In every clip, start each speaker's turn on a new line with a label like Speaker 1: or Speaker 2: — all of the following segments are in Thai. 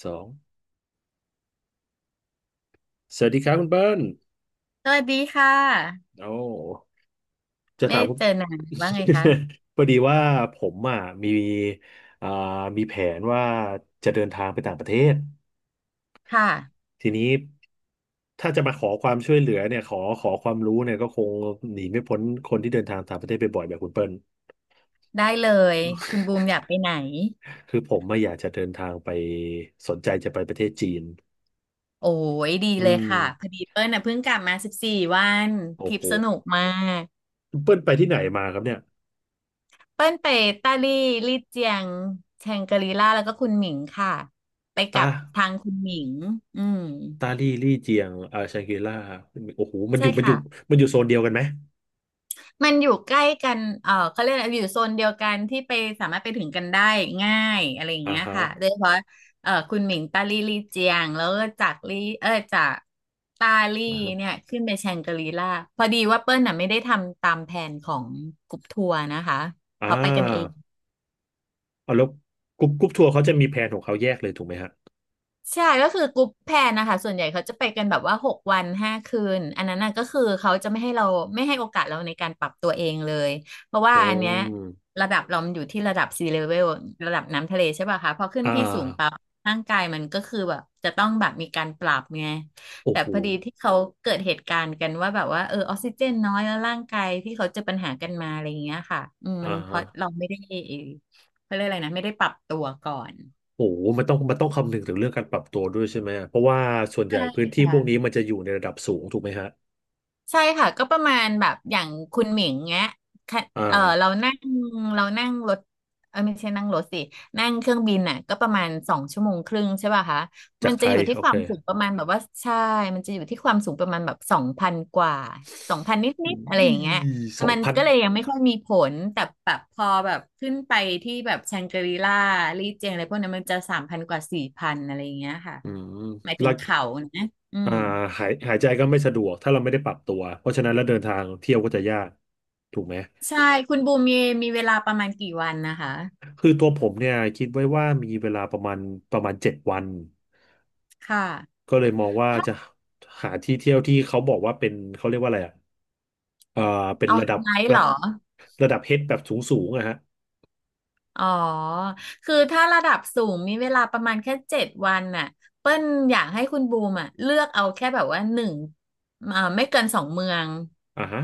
Speaker 1: สองสวัสดีครับคุณเปิ้ล
Speaker 2: สวัสดีค่ะ
Speaker 1: โอ้จะ
Speaker 2: ไม่
Speaker 1: ถาม
Speaker 2: ได้
Speaker 1: คุณ
Speaker 2: เจอนานว่าไงคะ
Speaker 1: พอดีว่าผมอ่ะมีอ่ามีแผนว่าจะเดินทางไปต่างประเทศ
Speaker 2: ค่ะ
Speaker 1: ทีนี้ถ้าจะมาขอความช่วยเหลือเนี่ยขอความรู้เนี่ยก็คงหนีไม่พ้นคนที่เดินทางต่างประเทศปบ่อยๆแบบคุณเปิ้ล
Speaker 2: ได้เลยคุณบูมอยากไปไหน
Speaker 1: คือผมมาอยากจะเดินทางไปสนใจจะไปประเทศจีน
Speaker 2: โอ้ยดี
Speaker 1: อื
Speaker 2: เลย
Speaker 1: ม
Speaker 2: ค่ะพอดีเปิ้ลน่ะเพิ่งกลับมา14 วันท
Speaker 1: โอ้
Speaker 2: ริป
Speaker 1: โห
Speaker 2: สนุกมาก
Speaker 1: คุณเปิ้ลไปที่ไหนมาครับเนี่ย
Speaker 2: เปิ้ลไปตาลี่ลี่เจียงแชงกรีล่าแล้วก็คุณหมิงค่ะไปกั
Speaker 1: ตา
Speaker 2: บทางคุณหมิงอืม
Speaker 1: ตาลี่ลี่เจียงอ่าชังกรีล่าโอ้โหมันอ
Speaker 2: ใช่
Speaker 1: ยู่มันอ
Speaker 2: ค่ะ
Speaker 1: ยู่มันอยู่โซนเดียวกันไหม
Speaker 2: มันอยู่ใกล้กันเขาเรียกอะไรอยู่โซนเดียวกันที่ไปสามารถไปถึงกันได้ง่ายอะไรอย่าง
Speaker 1: อ่า
Speaker 2: เงี้ย
Speaker 1: ฮะ
Speaker 2: ค่ะโดยเฉพาะคุณหมิงตาลี่ลี่เจียงแล้วก็จากลี่จากตาลี่
Speaker 1: อ่าฮะ
Speaker 2: เนี่ยขึ้นไปแชงกรีล่าพอดีว่าเปิ้ลน่ะไม่ได้ทำตามแผนของกลุ่มทัวร์นะคะ
Speaker 1: อ่
Speaker 2: เขาไปกันเอง
Speaker 1: าเอาแล้วกรุ๊ปทัวร์เขาจะมีแผนของเขาแยกเลยถูกไหมฮะ
Speaker 2: ใช่ก็คือกรุ๊ปแพลนนะคะส่วนใหญ่เขาจะไปกันแบบว่า6 วัน 5 คืนอันนั้นน่ะก็คือเขาจะไม่ให้เราไม่ให้โอกาสเราในการปรับตัวเองเลยเพราะว่า
Speaker 1: อ๋
Speaker 2: อันเนี้ย
Speaker 1: อ
Speaker 2: ระดับเรามันอยู่ที่ระดับซีเลเวลระดับน้ำทะเลใช่ป่ะคะพอขึ้น
Speaker 1: อ่า
Speaker 2: ที่สูงปั๊บร่างกายมันก็คือแบบจะต้องแบบมีการปรับไง
Speaker 1: โอ้
Speaker 2: แต่
Speaker 1: โห
Speaker 2: พอดีที่เขาเกิดเหตุการณ์กันว่าแบบว่าออกซิเจนน้อยแล้วร่างกายที่เขาเจอปัญหากันมาอะไรอย่างเงี้ยค่ะ
Speaker 1: อ่า
Speaker 2: มันเพ
Speaker 1: ฮะ
Speaker 2: ราะเราไม่ได้เขาเรียกอะไรนะไม่ได้ปรับตัวก่อน
Speaker 1: โอ้โหมันต้องคำนึงถึงเรื่องการปรับตัวด้วยใช่ไหมเพราะว่าส่วนใหญ่
Speaker 2: ใช่
Speaker 1: พื้นที่พวกนี้
Speaker 2: ค่ะ
Speaker 1: มันจะอยู่ในระดับสูงถูกไหมฮะ
Speaker 2: ใช่ค่ะก็ประมาณแบบอย่างคุณหมิงเงี้ยค่ะ
Speaker 1: อ่า
Speaker 2: เออเรานั่งเรานั่งรถไม่ใช่นั่งรถสินั่งเครื่องบินน่ะก็ประมาณ2.5 ชั่วโมงใช่ป่ะคะ
Speaker 1: จา
Speaker 2: มั
Speaker 1: ก
Speaker 2: นจะ
Speaker 1: ไท
Speaker 2: อ
Speaker 1: ย
Speaker 2: ยู่ที่
Speaker 1: โอ
Speaker 2: ค
Speaker 1: เค
Speaker 2: วามสูงประมาณแบบว่าใช่มันจะอยู่ที่ความสูงประมาณแบบ2,000 กว่า2,000 นิดๆอะไร
Speaker 1: อุ้
Speaker 2: อ
Speaker 1: ย
Speaker 2: ย่างเงี้ย
Speaker 1: สอง
Speaker 2: มัน
Speaker 1: พัน
Speaker 2: ก็เลยยังไม่ค่อยมีผลแต่แบบพอแบบขึ้นไปที่แบบแชงกรีล่าลี่เจียงอะไรพวกนั้นมันจะ3,000 กว่า4,000อะไรอย่างเงี้ยค่ะ
Speaker 1: อืม
Speaker 2: หมายถึ
Speaker 1: แล้ว
Speaker 2: งเขานะอื
Speaker 1: อ่า
Speaker 2: ม
Speaker 1: หายใจก็ไม่สะดวกถ้าเราไม่ได้ปรับตัวเพราะฉะนั้นแล้วเดินทางเที่ยวก็จะยากถูกไหม
Speaker 2: ใช่คุณบูมมีเวลาประมาณกี่วันนะคะ
Speaker 1: คือตัวผมเนี่ยคิดไว้ว่ามีเวลาประมาณเจ็ดวัน
Speaker 2: ค่ะ
Speaker 1: ก็เลยมองว่า
Speaker 2: ถ้า
Speaker 1: จะหาที่เที่ยวที่เขาบอกว่าเป็นเขาเรียกว่าอะไรอ่ะเอ่อเป็น
Speaker 2: เอา
Speaker 1: ระ
Speaker 2: ไฮ
Speaker 1: ดับ
Speaker 2: ไลท์เห
Speaker 1: ระ
Speaker 2: รอ
Speaker 1: ระดับเฮดแบบสูงสูงอะฮะ
Speaker 2: อ๋อคือถ้าระดับสูงมีเวลาประมาณแค่เจ็ดวันน่ะเปิ้ลอยากให้คุณบูมอ่ะเลือกเอาแค่แบบว่าหนึ่งไม่เกินสองเมือง
Speaker 1: อ่าฮะ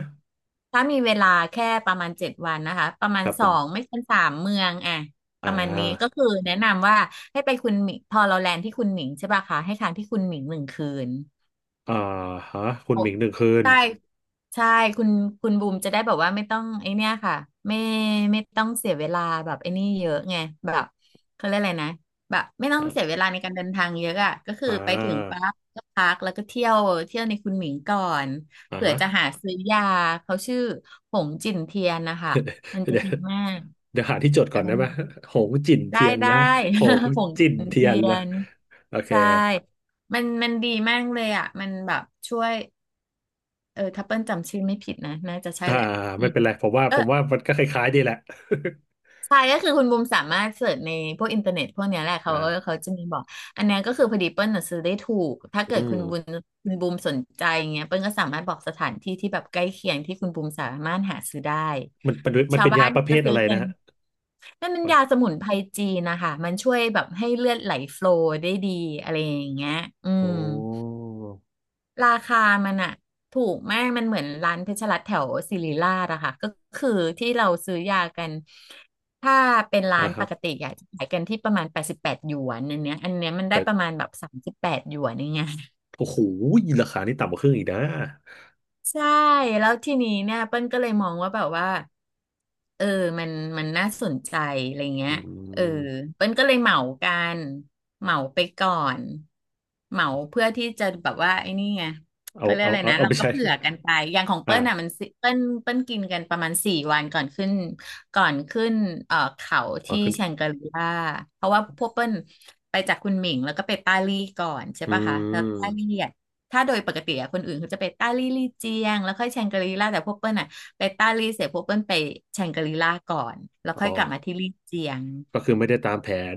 Speaker 2: ถ้ามีเวลาแค่ประมาณเจ็ดวันนะคะประมา
Speaker 1: ค
Speaker 2: ณ
Speaker 1: รับผ
Speaker 2: สอ
Speaker 1: ม
Speaker 2: งไม่เกินสามเมืองอ่ะป
Speaker 1: อ่
Speaker 2: ระมาณนี้ก็
Speaker 1: า
Speaker 2: คือแนะนำว่าให้ไปคุณหมิงพอเราแลนด์ที่คุณหมิงใช่ป่ะคะให้ค้างที่คุณหมิง1 คืน
Speaker 1: อ่าฮะคุณ
Speaker 2: โอ้
Speaker 1: หมิงหนึ่งคืน
Speaker 2: ใช่ใช่คุณคุณบูมจะได้แบบว่าไม่ต้องไอเนี้ยค่ะไม่ไม่ต้องเสียเวลาแบบไอ้นี่เยอะไงแบบเขาเรียกอะไรนะแบบไม่ต้องเสียเว
Speaker 1: อ่า
Speaker 2: ลาในการเดินทางเยอะอ่ะก็คือ
Speaker 1: อ่
Speaker 2: ไปถึง
Speaker 1: า
Speaker 2: ปั๊บก็พักแล้วก็เที่ยวเที่ยวในคุณหมิงก่อน
Speaker 1: อ่า
Speaker 2: เผื่อ
Speaker 1: ฮะ
Speaker 2: จะหาซื้อยาเขาชื่อหงจิ่นเทียนนะคะมันจะ
Speaker 1: เดี๋ยว
Speaker 2: ดีมาก
Speaker 1: เดี๋ยวหาที่จดก่
Speaker 2: อะ
Speaker 1: อน
Speaker 2: ไร
Speaker 1: ได้ไหม
Speaker 2: นะ
Speaker 1: หงจิ่น
Speaker 2: ได้
Speaker 1: เทียน
Speaker 2: ได้
Speaker 1: นะหง
Speaker 2: หง
Speaker 1: จิ่น
Speaker 2: จิ่น
Speaker 1: เทีย
Speaker 2: เที
Speaker 1: น
Speaker 2: ย
Speaker 1: ละ
Speaker 2: น
Speaker 1: โอเค
Speaker 2: ใช่มันดีมากเลยอ่ะมันแบบช่วย ถ้าเปิ้ลจำชื่อไม่ผิดนะน่าจะใช่
Speaker 1: อ่า
Speaker 2: แหละอื
Speaker 1: ไม่
Speaker 2: ม
Speaker 1: เป็นไรผมว่า
Speaker 2: ก็
Speaker 1: ผมว่ามันก็คล้ายๆดีแหละ
Speaker 2: ใช่ก็คือคุณบูมสามารถเสิร์ชในพวกอินเทอร์เน็ตพวกเนี้ยแหละ เขา
Speaker 1: อ่า
Speaker 2: เขาจะมีบอกอันเนี้ยก็คือพอดีเปิ้ลน่ะซื้อได้ถูกถ้าเกิ
Speaker 1: อื
Speaker 2: ด
Speaker 1: ม
Speaker 2: คุณบูมสนใจอย่างเงี้ยเปิ้ลก็สามารถบอกสถานที่ที่แบบใกล้เคียงที่คุณบูมสามารถหาซื้อได้
Speaker 1: มัน
Speaker 2: ชาว
Speaker 1: เป็น
Speaker 2: บ้า
Speaker 1: ยา
Speaker 2: น
Speaker 1: ประเภ
Speaker 2: จะ
Speaker 1: ท
Speaker 2: ซื้
Speaker 1: อะ
Speaker 2: อ
Speaker 1: ไร
Speaker 2: กั
Speaker 1: นะ
Speaker 2: น
Speaker 1: ฮะ
Speaker 2: นั่นมัน
Speaker 1: โอ้
Speaker 2: ยาส
Speaker 1: ย
Speaker 2: มุนไพรจีนนะคะมันช่วยแบบให้เลือดไหลโฟลว์ได้ดีอะไรอย่างเงี้ยอืม
Speaker 1: โอ้
Speaker 2: ราคามันอะถูกมากมันเหมือนร้านเพชรรัตน์แถวศิริราชอะค่ะก็คือที่เราซื้อยากันถ้าเป็นร้า
Speaker 1: อ่า
Speaker 2: นป
Speaker 1: ฮะ
Speaker 2: กติอะจะขายกันที่ประมาณ88 หยวนอันเนี้ยมันได้
Speaker 1: แต่
Speaker 2: ประมาณแบบ38 หยวนอย่างเงี้ย
Speaker 1: โอ้โหราคานี่ต่ำกว่าครึ่งอีกนะ
Speaker 2: ใช่แล้วทีนี้เนี่ยเปิ้ลก็เลยมองว่าแบบว่าเออมันมันน่าสนใจอะไรเงี้
Speaker 1: อื
Speaker 2: ยเออ
Speaker 1: ม
Speaker 2: เปิ้ลก็เลยเหมากันเหมาไปก่อนเหมาเพื่อที่จะแบบว่าไอ้นี่ไง
Speaker 1: เอา
Speaker 2: เขาเรียก
Speaker 1: เอา
Speaker 2: อะไร
Speaker 1: เอา
Speaker 2: นะ
Speaker 1: เอา
Speaker 2: เรา
Speaker 1: ไป
Speaker 2: ก็
Speaker 1: ใช้
Speaker 2: เผื่อกันไปอย่างของ
Speaker 1: อ่า
Speaker 2: เปิ้ลน่ะมันสิเปิ้ลกินกันประมาณสี่วันก่อนขึ้นก่อนขึ้นเขา
Speaker 1: ออก
Speaker 2: ที่
Speaker 1: ขึ้น
Speaker 2: แชงกรีล่าเพราะว่าพวกเปิ้ลไปจากคุณหมิงแล้วก็ไปปาลี่ก่อนใช่
Speaker 1: อื
Speaker 2: ปะคะแล้วปาลี่
Speaker 1: ม
Speaker 2: อะ ถ้าโดยปกติอะคนอื่นเขาจะไปต้าลี่ลี่เจียงแล้วค่อยแชงกรีล่าแต่พวกเปิ้ลอะไปต้าลี่เสร็จพวกเปิ้ลไปแชงกรีล่าก่อนแล้ว
Speaker 1: อ๋
Speaker 2: ค่อ
Speaker 1: อ
Speaker 2: ยกลับมาที่ลี่เจียง
Speaker 1: ก็คือไม่ได้ตามแผน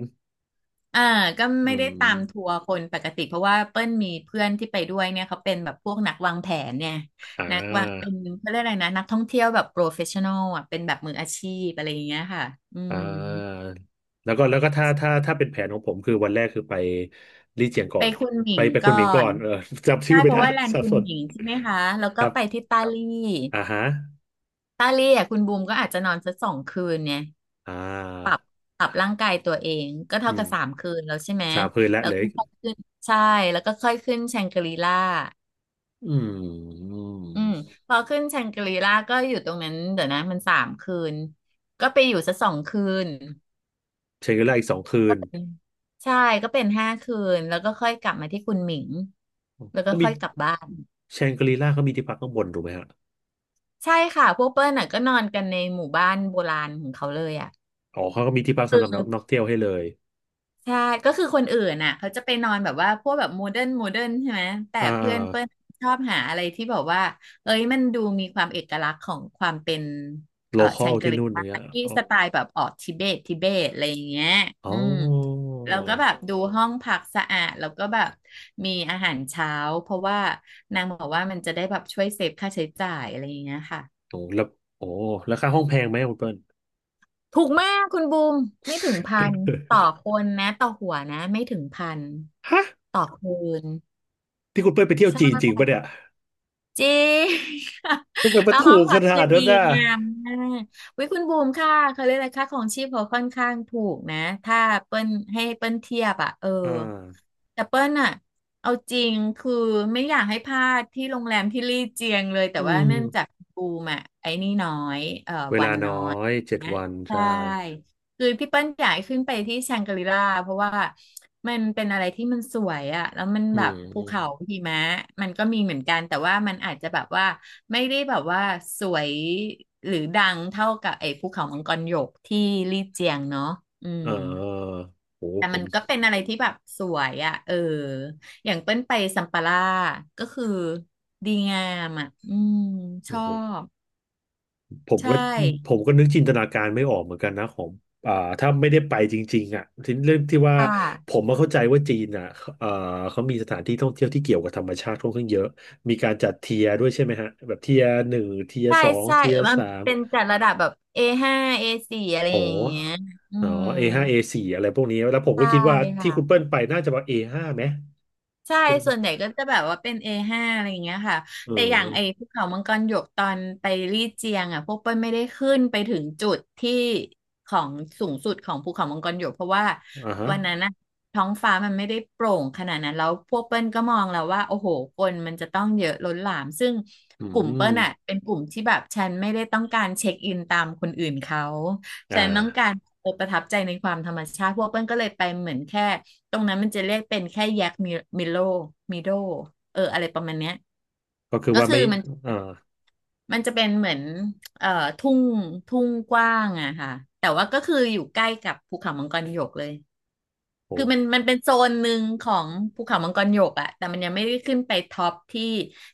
Speaker 2: อ่าก็
Speaker 1: อื
Speaker 2: ไม่ได้ตามทั
Speaker 1: ม
Speaker 2: วร์คนปกติเพราะว่าเปิ้ลมีเพื่อนที่ไปด้วยเนี่ยเขาเป็นแบบพวกนักวางแผนเนี่ย
Speaker 1: อ่
Speaker 2: นักวางเป็
Speaker 1: า
Speaker 2: นเขาเรียกอะไรนะนักท่องเที่ยวแบบโปรเฟชชั่นอลอ่ะเป็นแบบมืออาชีพอะไรอย่างเงี้ยค่ะอื
Speaker 1: อ่า
Speaker 2: ม
Speaker 1: แล้วก็ถ้าเป็นแผนของผมคือวันแรกคือไปลี่เจียงก่
Speaker 2: ไป
Speaker 1: อน
Speaker 2: คุณหมิ
Speaker 1: ไป
Speaker 2: ง
Speaker 1: คุ
Speaker 2: ก่
Speaker 1: น
Speaker 2: อ
Speaker 1: หมิงก่อ
Speaker 2: น
Speaker 1: นเออ จำชื่
Speaker 2: ใช่
Speaker 1: อไม่
Speaker 2: เพราะ
Speaker 1: ได้
Speaker 2: ว่าแล น
Speaker 1: สั
Speaker 2: ด์
Speaker 1: บ
Speaker 2: คุ
Speaker 1: ส
Speaker 2: ณ
Speaker 1: น
Speaker 2: หมิงใช่ไหมคะแล้ว
Speaker 1: ค
Speaker 2: ก็
Speaker 1: รับ
Speaker 2: ไปที่ตาลี่
Speaker 1: อ่าฮะ
Speaker 2: ตาลี่อ่ะคุณบูมก็อาจจะนอนสักสองคืนเนี่ย
Speaker 1: อ่า
Speaker 2: ปรับร่างกายตัวเองก็
Speaker 1: อื
Speaker 2: เท่า
Speaker 1: ม
Speaker 2: กับสามคืนแล้วใช่ไหม
Speaker 1: สามคืนละ
Speaker 2: แล้ว
Speaker 1: เหล
Speaker 2: ก็
Speaker 1: ย
Speaker 2: ค่อยขึ้นใช่แล้วก็ค่อยขึ้นแชงกรีล่า
Speaker 1: อื
Speaker 2: อื
Speaker 1: ม
Speaker 2: มพอขึ้นแชงกรีล่าก็อยู่ตรงนั้นเดี๋ยวนะมันสามคืนก็ไปอยู่สักสองคืน
Speaker 1: แชงกรีล่าอีกสองคืน
Speaker 2: ใช่ก็เป็น5 คืนแล้วก็ค่อยกลับมาที่คุณหมิงแล้วก็
Speaker 1: เขามี
Speaker 2: ค่อยกลับบ้าน
Speaker 1: แชงกรีล่าเขามีที่พักข้างบนถูกไหมฮะ
Speaker 2: ใช่ค่ะพวกเปิ้ลน่ะก็นอนกันในหมู่บ้านโบราณของเขาเลยอ่ะ
Speaker 1: อ๋อเขาก็มีที่พัก
Speaker 2: คื
Speaker 1: สำหรับนักนั
Speaker 2: อ
Speaker 1: กเที่ยวให้เลย
Speaker 2: ใช่ก็คือคนอื่นน่ะเขาจะไปนอนแบบว่าพวกแบบโมเดิร์นใช่ไหมแต่
Speaker 1: อ่
Speaker 2: เพื่อนเปิ้ล
Speaker 1: า
Speaker 2: ชอบหาอะไรที่แบบว่าเอ้ยมันดูมีความเอกลักษณ์ของความเป็น
Speaker 1: โลค
Speaker 2: แช
Speaker 1: อล
Speaker 2: งก
Speaker 1: ที่
Speaker 2: รี
Speaker 1: นู่น
Speaker 2: ล่า
Speaker 1: เนี่ย
Speaker 2: ที่
Speaker 1: อ๋อ
Speaker 2: สไตล์แบบออกทิเบตอะไรอย่างเงี้ย
Speaker 1: อ๋
Speaker 2: อื
Speaker 1: อ
Speaker 2: มแล้วก็แบบดูห้องพักสะอาดแล้วก็แบบมีอาหารเช้าเพราะว่านางบอกว่ามันจะได้แบบช่วยเซฟค่าใช้จ่ายอะไรอย่างเงี้ยค่ะ
Speaker 1: โอ้แล้วโอ้แล้วค่าห้องแพงไหมคุณเปิ้ล
Speaker 2: ถูกมากคุณบูมไม่ถึงพันต่อคนนะต่อหัวนะไม่ถึงพัน
Speaker 1: ฮะ
Speaker 2: ต่อคืน
Speaker 1: ที่คุณเป้ยไปเที่ยวจีนจริง
Speaker 2: ใช่
Speaker 1: ปะเนี่ย
Speaker 2: จริง
Speaker 1: ทำไม มัน
Speaker 2: แล้วห้
Speaker 1: ถู
Speaker 2: อง
Speaker 1: กข
Speaker 2: พัก
Speaker 1: นา
Speaker 2: คือ
Speaker 1: ด
Speaker 2: ดี
Speaker 1: นั้นน่ะ
Speaker 2: งามมากวิคุณบูมค่ะเขาเรียกอะไรค่าของชีพเขาค่อนข้างถูกนะถ้าเปิ้ลให้เปิ้ลเทียบอ่ะเออ
Speaker 1: อ่า
Speaker 2: แต่เปิ้ลอ่ะเอาจริงคือไม่อยากให้พลาดที่โรงแรมที่ลี่เจียงเลยแต่
Speaker 1: อื
Speaker 2: ว่า
Speaker 1: ม
Speaker 2: เนื่องจากบูมอ่ะไอ้นี่น้อย
Speaker 1: เว
Speaker 2: วั
Speaker 1: ลา
Speaker 2: น
Speaker 1: น้
Speaker 2: น้
Speaker 1: อ
Speaker 2: อย
Speaker 1: ยเจ็ดวัน
Speaker 2: ใช่
Speaker 1: ใช่
Speaker 2: คือพี่เปิ้ลอยากให้ขึ้นไปที่แชงกรีลาเพราะว่ามันเป็นอะไรที่มันสวยอะแล้วมัน
Speaker 1: อื
Speaker 2: แบ
Speaker 1: ม
Speaker 2: บภู
Speaker 1: อืม
Speaker 2: เขาหิมะมันก็มีเหมือนกันแต่ว่ามันอาจจะแบบว่าไม่ได้แบบว่าสวยหรือดังเท่ากับไอ้ภูเขามังกรหยกที่ลี่เจียงเนาะอืม
Speaker 1: เออโห
Speaker 2: แต่
Speaker 1: ผ
Speaker 2: มั
Speaker 1: ม
Speaker 2: นก็เป็นอะไรที่แบบสวยอะเอออย่างเปิ้ลไปซัมปาล่าก็คือดีงามอะอืมช
Speaker 1: โอ้
Speaker 2: อ
Speaker 1: โห
Speaker 2: บ
Speaker 1: ผม
Speaker 2: ใช่
Speaker 1: ก็ผมก็นึกจินตนาการไม่ออกเหมือนกันนะของอ่าถ้าไม่ได้ไปจริงๆอ่ะทีเรื่องที่ว่า
Speaker 2: ค่
Speaker 1: ผ
Speaker 2: ะ
Speaker 1: มมาเข้าใจว่าจีนอ่ะเอ่อเขามีสถานที่ท่องเที่ยวที่เกี่ยวกับธรรมชาติค่อนข้างเยอะมีการจัดเทียร์ด้วยใช่ไหมฮะแบบเทียร์หนึ่งเทียร์
Speaker 2: ใช่
Speaker 1: สอง
Speaker 2: ใช่
Speaker 1: เทียร์
Speaker 2: มัน
Speaker 1: สาม
Speaker 2: เป็นจัดระดับแบบ A5 A4อะไร
Speaker 1: อ๋อ
Speaker 2: อย่างเงี้ยอื
Speaker 1: อ๋อ
Speaker 2: ม
Speaker 1: A5 A4 อสี่อะไรพวกนี้ แล้วผม
Speaker 2: ใช่
Speaker 1: ก็คิดว่าที่
Speaker 2: ค่ะ
Speaker 1: คุณเปิ้ลไปน่าจะมา A5 ไหม
Speaker 2: ใช่
Speaker 1: เป็น
Speaker 2: ส่วนใหญ่ก็จะแบบว่าเป็น A5 อห้าอะไรอย่างเงี้ยค่ะ
Speaker 1: เออ
Speaker 2: แต่อย่างไอ้ภูเขามังกรหยกตอนไปลี่เจียงอ่ะพวกเปิ้ลไม่ได้ขึ้นไปถึงจุดที่ของสูงสุดของภูเขามังกรหยกเพราะว่า
Speaker 1: อ่าฮะ
Speaker 2: วันนั้นนะท้องฟ้ามันไม่ได้โปร่งขนาดนั้นแล้วพวกเปิ้ลก็มองแล้วว่าโอ้โหคนมันจะต้องเยอะล้นหลามซึ่ง
Speaker 1: อื
Speaker 2: กลุ่มเปิ้
Speaker 1: ม
Speaker 2: ลอ่ะเป็นกลุ่มที่แบบฉันไม่ได้ต้องการเช็คอินตามคนอื่นเขา
Speaker 1: อ่
Speaker 2: ฉันต้องกา
Speaker 1: า
Speaker 2: รเออประทับใจในความธรรมชาติพวกเปิ้ลก็เลยไปเหมือนแค่ ตรงนั้นมันจะเรียกเป็นแค่แยกมิโลมิโดเอออะไรประมาณเนี้ย
Speaker 1: ก็คือ
Speaker 2: ก็
Speaker 1: ว่า
Speaker 2: คือ
Speaker 1: ไม่
Speaker 2: มัน
Speaker 1: อ่า
Speaker 2: มันจะเป็นเหมือนเอ่อทุ่งทุ่งกว้างอะค่ะแต่ว่าก็คืออยู่ใกล้กับภูเขามังกรหยกเลย
Speaker 1: โอ
Speaker 2: คือมัน
Speaker 1: ้
Speaker 2: มันเป็นโซนหนึ่งของภูเขามังกรหยกอะแต่มันยังไม่ได้ขึ้นไปท็อปที่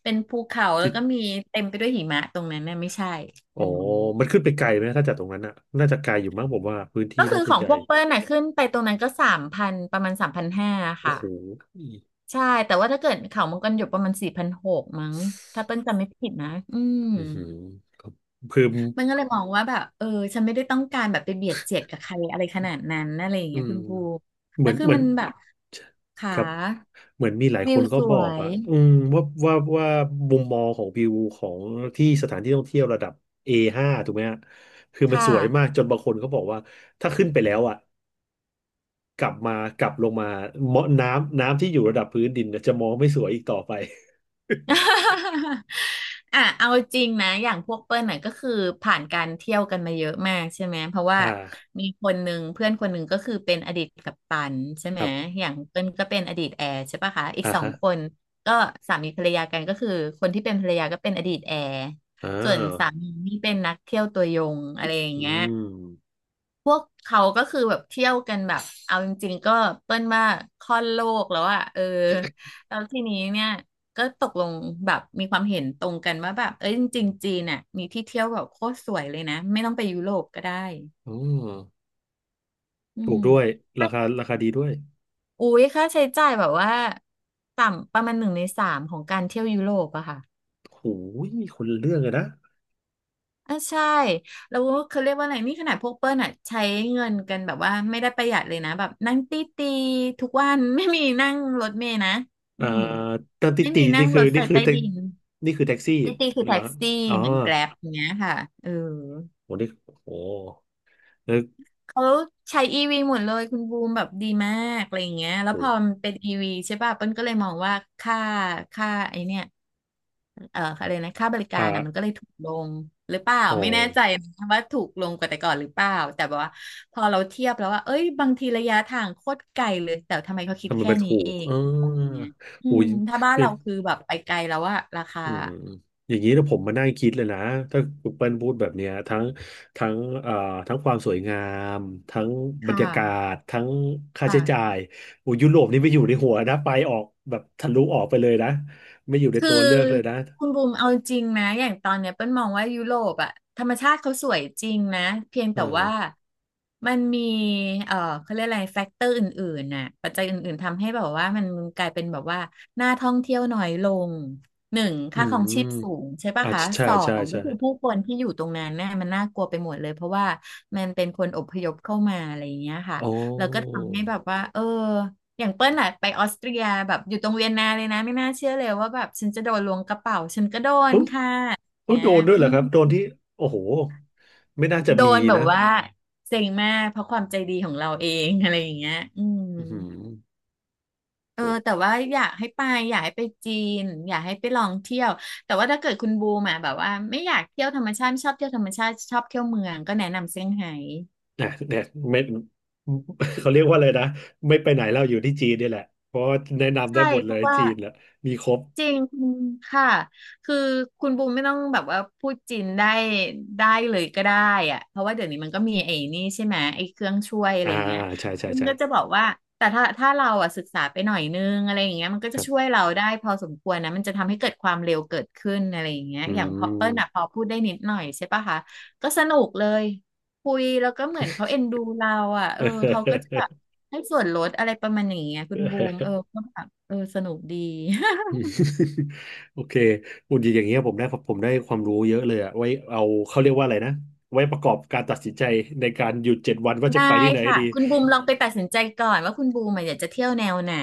Speaker 2: เป็นภูเขาแล้ว
Speaker 1: ที่
Speaker 2: ก็มีเต็มไปด้วยหิมะตรงนั้นน่ะไม่ใช่
Speaker 1: อ๋
Speaker 2: อื
Speaker 1: อ
Speaker 2: ม
Speaker 1: มันขึ้นไปไกลไหม ถ้าจากตรงนั้นน่ะ น่าจะไกลอยู่มั้งผมว่าพื้นที่
Speaker 2: ก็คื
Speaker 1: น่า
Speaker 2: อ
Speaker 1: จะ
Speaker 2: ขอ
Speaker 1: ให
Speaker 2: ง
Speaker 1: ญ่
Speaker 2: พวกเปิ้ลน่ะขึ้นไปตรงนั้นก็สามพันประมาณ3,500
Speaker 1: โอ้
Speaker 2: ค่ะ
Speaker 1: โห
Speaker 2: ใช่แต่ว่าถ้าเกิดเขามังกรหยกประมาณ4,600มั้งถ้าเปิ้ลจำไม่ผิดนะ อืม
Speaker 1: อือหือครับคือ
Speaker 2: มันก็เลยมองว่าแบบเออฉันไม่ได้ต้องการแบบไปเบียดเสียดกับใครอะไรขนาดนั้นอะไรอย่าง
Speaker 1: อื
Speaker 2: เงี้ย
Speaker 1: ม
Speaker 2: คุณบู
Speaker 1: เห
Speaker 2: แล้
Speaker 1: มื
Speaker 2: ว
Speaker 1: อน
Speaker 2: คือ
Speaker 1: เหมือน
Speaker 2: มันแบบขา
Speaker 1: ครับเหมือนมีหลายค
Speaker 2: วิว
Speaker 1: นก็
Speaker 2: ส
Speaker 1: บ
Speaker 2: ว
Speaker 1: อก
Speaker 2: ย
Speaker 1: อ่ะอืมว่ามุมมองของวิวของที่สถานที่ท่องเที่ยวระดับ A5 ถูกไหมฮะคือมันส
Speaker 2: ค่ะ
Speaker 1: วยมากจนบางคนเขาบอกว่าถ้าขึ้นไปแล้วอ่ะกลับมากลับลงมาเมาะน้ำที่อยู่ระดับพื้นดินน่ะจะมองไม่สวยอีกต่อไป
Speaker 2: อ่ะเอาจริงนะอย่างพวกเปิ้ลน่ะก็คือผ่านการเที่ยวกันมาเยอะมากใช่ไหมเพราะ ว่า
Speaker 1: อ่า
Speaker 2: มีคนหนึ่งเพื่อนคนหนึ่งก็คือเป็นอดีตกัปตันใช่
Speaker 1: ค
Speaker 2: ไหม
Speaker 1: รับ
Speaker 2: อย่างเปิ้ลก็เป็นอดีตแอร์ใช่ปะคะอีก
Speaker 1: อ่า
Speaker 2: สอง
Speaker 1: ฮะ
Speaker 2: คนก็สามีภรรยากันก็คือคนที่เป็นภรรยาก็เป็นอดีตแอร์
Speaker 1: อ่
Speaker 2: สา
Speaker 1: า
Speaker 2: มีนี่เป็นนักเที่ยวตัวยงอะไรอย่าง
Speaker 1: อื
Speaker 2: เงี้ย
Speaker 1: ม
Speaker 2: พวกเขาก็คือแบบเที่ยวกันแบบเอาจริงๆก็เปิ้ลว่าค่อนโลกแล้วอะเออแล้วทีนี้เนี่ยก็ตกลงแบบมีความเห็นตรงกันว่าแบบเอ้ยจริงๆจีนน่ะมีที่เที่ยวแบบโคตรสวยเลยนะไม่ต้องไปยุโรปก็ได้
Speaker 1: อืม
Speaker 2: อื
Speaker 1: ถูกด้วย
Speaker 2: ม
Speaker 1: ราคาดีด้วย
Speaker 2: อุ้ยค่าใช้จ่ายแบบว่าต่ำประมาณ1/3ของการเที่ยวยุโรปอะค่ะ
Speaker 1: โอ้ยมีคนละเรื่องเลยนะ
Speaker 2: อ่ะใช่แล้วเขาเรียกว่าอะไรนี่ขนาดพวกเปิ้ลอ่ะใช้เงินกันแบบว่าไม่ได้ประหยัดเลยนะแบบนั่งตีตีทุกวัน ไม่มีนั่งรถเมล์นะอื
Speaker 1: อ่า
Speaker 2: ม
Speaker 1: ตอนติ
Speaker 2: ไม่
Speaker 1: ตี
Speaker 2: มีนั่
Speaker 1: นี่
Speaker 2: ง
Speaker 1: คื
Speaker 2: ร
Speaker 1: อ
Speaker 2: ถไฟ
Speaker 1: นี่คือ
Speaker 2: ใต้
Speaker 1: แท็ก
Speaker 2: ดิน
Speaker 1: นี่คือแท็กซี่
Speaker 2: ตีตีคือ
Speaker 1: เหร
Speaker 2: แท็
Speaker 1: อ
Speaker 2: กซี่
Speaker 1: อ๋อ
Speaker 2: เหมือนแกร็บอย่างเงี้ยค่ะเออ
Speaker 1: โหนี่โหแล้ว
Speaker 2: เขาใช้อีวีหมดเลยคุณบูมแบบดีมากอะไรอย่างเงี้ยแล้วพอ
Speaker 1: โห
Speaker 2: มันเป็นอีวีใช่ป่ะเปิ้ลก็เลยมองว่าค่าค่าไอเนี่ยอะไรนะค่าบริกา
Speaker 1: อ่า
Speaker 2: รนะมันก็เลยถูกลงหรือเปล่า
Speaker 1: อ๋อ
Speaker 2: ไม่แน่ใจนะว่าถูกลงกว่าแต่ก่อนหรือเปล่าแต่แบบว่าพอเราเทียบแล้วว่าเอ้ยบางทีระยะทางโคตรไกลเลยแต่ทำไมเขาคิด
Speaker 1: ทำไม
Speaker 2: แค่
Speaker 1: มัน
Speaker 2: นี้
Speaker 1: ถู
Speaker 2: เอ
Speaker 1: ก
Speaker 2: ง
Speaker 1: เอ
Speaker 2: ประมาณ
Speaker 1: อ
Speaker 2: เนี้ยอื
Speaker 1: โห
Speaker 2: ม
Speaker 1: ย
Speaker 2: ถ้าบ้าน
Speaker 1: เนี่ย
Speaker 2: เราคือแบบไปไกลแล้วอะราคา
Speaker 1: อืมอย่างนี้นะผมมานั่งคิดเลยนะถ้าคุณเปิ้ลพูดแบบเนี้ยทั้งเอ่อทั้งความสวยงามทั้งบร
Speaker 2: ค่
Speaker 1: รยากา
Speaker 2: ะ
Speaker 1: ศทั้งค่าใช้จ่า
Speaker 2: ค่ะ
Speaker 1: ยโอ้ยุโรปนี่ไม่อยู่ในหัวนะไปออกแบบทะลุออกไปเลยนะไม่อยู่ใน
Speaker 2: คือ
Speaker 1: ตัวเลือกเลยนะ
Speaker 2: คุณบูมเอาจริงนะอย่างตอนเนี้ยเปิ้ลมองว่ายุโรปอะธรรมชาติเขาสวยจริงนะเพียง
Speaker 1: เอ
Speaker 2: แต่ว่า
Speaker 1: อ
Speaker 2: มันมีเอ่อเขาเรียกอะไรแฟกเตอร์อื่นๆน่ะปัจจัยอื่นๆทำให้แบบว่ามันกลายเป็นแบบว่าน่าท่องเที่ยวน้อยลงหนึ่ง
Speaker 1: อื
Speaker 2: ค่าค
Speaker 1: ม
Speaker 2: รองชีพสูงใช่ปะ
Speaker 1: อ่า
Speaker 2: คะ
Speaker 1: ใช่
Speaker 2: สอ
Speaker 1: ใช่
Speaker 2: งก็
Speaker 1: ใช่
Speaker 2: คือผู้คนที่อยู่ตรงนั้นน่ะมันน่ากลัวไปหมดเลยเพราะว่ามันเป็นคนอพยพเข้ามาอะไรอย่างเงี้ยค่ะ
Speaker 1: อ๋อ
Speaker 2: แล้วก็ทำให้แบบว่าเออ อย่างเปิ้ลน่ะไปออสเตรียแบบอยู่ตรงเวียนนาเลยนะไม่น่าเชื่อเลยว่าแบบฉันจะโดนล้วงกระเป๋าฉันก็โดน
Speaker 1: เอ้า
Speaker 2: ค่ะอย่าง
Speaker 1: เอ้า
Speaker 2: เงี้
Speaker 1: โด
Speaker 2: ย
Speaker 1: นด้วย
Speaker 2: อื
Speaker 1: เหรอครับโดน
Speaker 2: ม
Speaker 1: ที่โอ้โหไม่น่าจะ
Speaker 2: โด
Speaker 1: มี
Speaker 2: นแบบ
Speaker 1: นะ
Speaker 2: ว่าเซ็งมากเพราะความใจดีของเราเองอะไรอย่างเงี้ยอืม
Speaker 1: อืม
Speaker 2: เออ
Speaker 1: โอ้
Speaker 2: แต่ว่าอยากให้ไปอยากให้ไปจีนอยากให้ไปลองเที่ยวแต่ว่าถ้าเกิดคุณบูมาแบบว่าไม่อยากเที่ยวธรรมชาติไม่ชอบเที่ยวธรรมชาติชอบเที่ยวเมืองก็แนะนำเซี่ยงไฮ้
Speaker 1: นะเนี่ยไม่ เขาเรียกว่าอะไรนะไม่ไปไหนเราอยู่ที่จีนนี่แหละเพราะว่าแนะนำได้
Speaker 2: ใช่
Speaker 1: หมด
Speaker 2: เพ
Speaker 1: เลย
Speaker 2: ราะว่า
Speaker 1: จีนแหละมีครบ
Speaker 2: จริงค่ะคือคุณบูมไม่ต้องแบบว่าพูดจีนได้ได้เลยก็ได้อะเพราะว่าเดี๋ยวนี้มันก็มีไอ้นี่ใช่ไหมไอ้เครื่องช่วยอะไร
Speaker 1: อ่า
Speaker 2: เงี้ย
Speaker 1: ใช่ใช่
Speaker 2: มัน
Speaker 1: ใช่
Speaker 2: ก็จะบอกว่าแต่ถ้าเราอ่ะศึกษาไปหน่อยนึงอะไรอย่างเงี้ยมันก็
Speaker 1: ค
Speaker 2: จะ
Speaker 1: รั
Speaker 2: ช่วย
Speaker 1: บ
Speaker 2: เราได้พอสมควรนะมันจะทำให้เกิดความเร็วเกิดขึ้นอะไรอย่างเงี้ย
Speaker 1: อื
Speaker 2: อย่างพอ
Speaker 1: ม
Speaker 2: เปิ้ลอ่ะพอพูดได้นิดหน่อยใช่ปะคะก็สนุกเลยคุยแล้วก็เหมือนเขาเอ็นดูเราอ่ะเออเขาก็จะแบบให้ส่วนลดอะไรประมาณอย่างเงี้ยคุณบูมเออ ก็แบบเออสนุกดี
Speaker 1: อืม โอเคอุ่นอย่างเงี้ยผมได้ความรู้เยอะเลยอะไว้เอาเขาเรียกว่าอะไรนะไว้ประกอบการตัดสินใจในการหยุดเจ็ดวันว่าจะ
Speaker 2: ได้
Speaker 1: ไปที่ไหน
Speaker 2: ค่ะ
Speaker 1: ดี
Speaker 2: คุณบูมลองไปตัดสินใจก่อนว่าคุณบูมอะอยากจะเที่ยวแนวไหน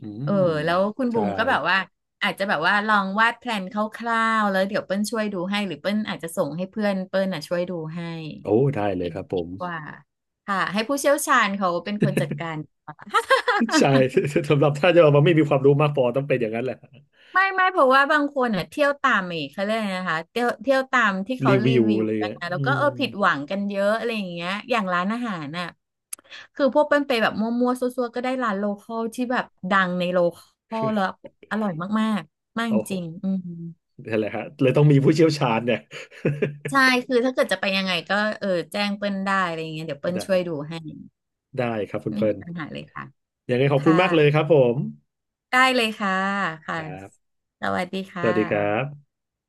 Speaker 1: อื
Speaker 2: เออ
Speaker 1: ม
Speaker 2: แล้วคุณบู
Speaker 1: ใช่
Speaker 2: มก็แบบว่าอาจจะแบบว่าลองวาดแพลนคร่าวๆแล้วเดี๋ยวเปิ้ลช่วยดูให้หรือเปิ้ลอาจจะส่งให้เพื่อนเปิ้ลน่ะช่วยดูให้
Speaker 1: โอ้ได้เลยครับผ
Speaker 2: ดี
Speaker 1: ม
Speaker 2: กว่าค่ะให้ผู้เชี่ยวชาญเขาเป็นคนจัดการ
Speaker 1: ใช่ สำหรับถ้าจะมาไม่มีความรู้มากพอต้องเป็นอย่างนั้นแหละ
Speaker 2: ไม่เพราะว่าบางคนอ่ะเที่ยวตามอีกเขาเรียกอะไรนะคะเที่ยวตามที่เขา
Speaker 1: รี
Speaker 2: รี
Speaker 1: วิว
Speaker 2: วิว
Speaker 1: อะไร
Speaker 2: กัน
Speaker 1: เงี้ย
Speaker 2: นะแล้ว
Speaker 1: อื
Speaker 2: ก็
Speaker 1: ม
Speaker 2: เออผิดหวังกันเยอะอะไรอย่างเงี้ยอย่างร้านอาหารน่ะคือพวกเป็นไปแบบมั่วๆซั่วๆก็ได้ร้านโลคอลที่แบบดังในโลคอลแล้วอร่อยมากๆมากจ
Speaker 1: โอ้โห
Speaker 2: ริงๆอืม
Speaker 1: นั่นแหละฮะเลยต้องมีผู้เชี่ยวชาญเนี่ย
Speaker 2: ใช่คือถ้าเกิดจะไปยังไงก็เออแจ้งเปิ้ลได้อะไรอย่างเงี้ยเดี๋ยว เปิ้ลช่ว
Speaker 1: ได้
Speaker 2: ยดูให้
Speaker 1: ได้ครับคุณ
Speaker 2: ไม่
Speaker 1: เปิ้
Speaker 2: มี
Speaker 1: ล
Speaker 2: ปัญหาเลยค่ะ
Speaker 1: ยังไงขอบคุณ
Speaker 2: ค่
Speaker 1: มากเลยครั
Speaker 2: ะ
Speaker 1: บผม
Speaker 2: ได้เลยค่ะค่ะ
Speaker 1: ครับ
Speaker 2: สวัสดี
Speaker 1: ส
Speaker 2: ค่ะ
Speaker 1: วัสดีครับ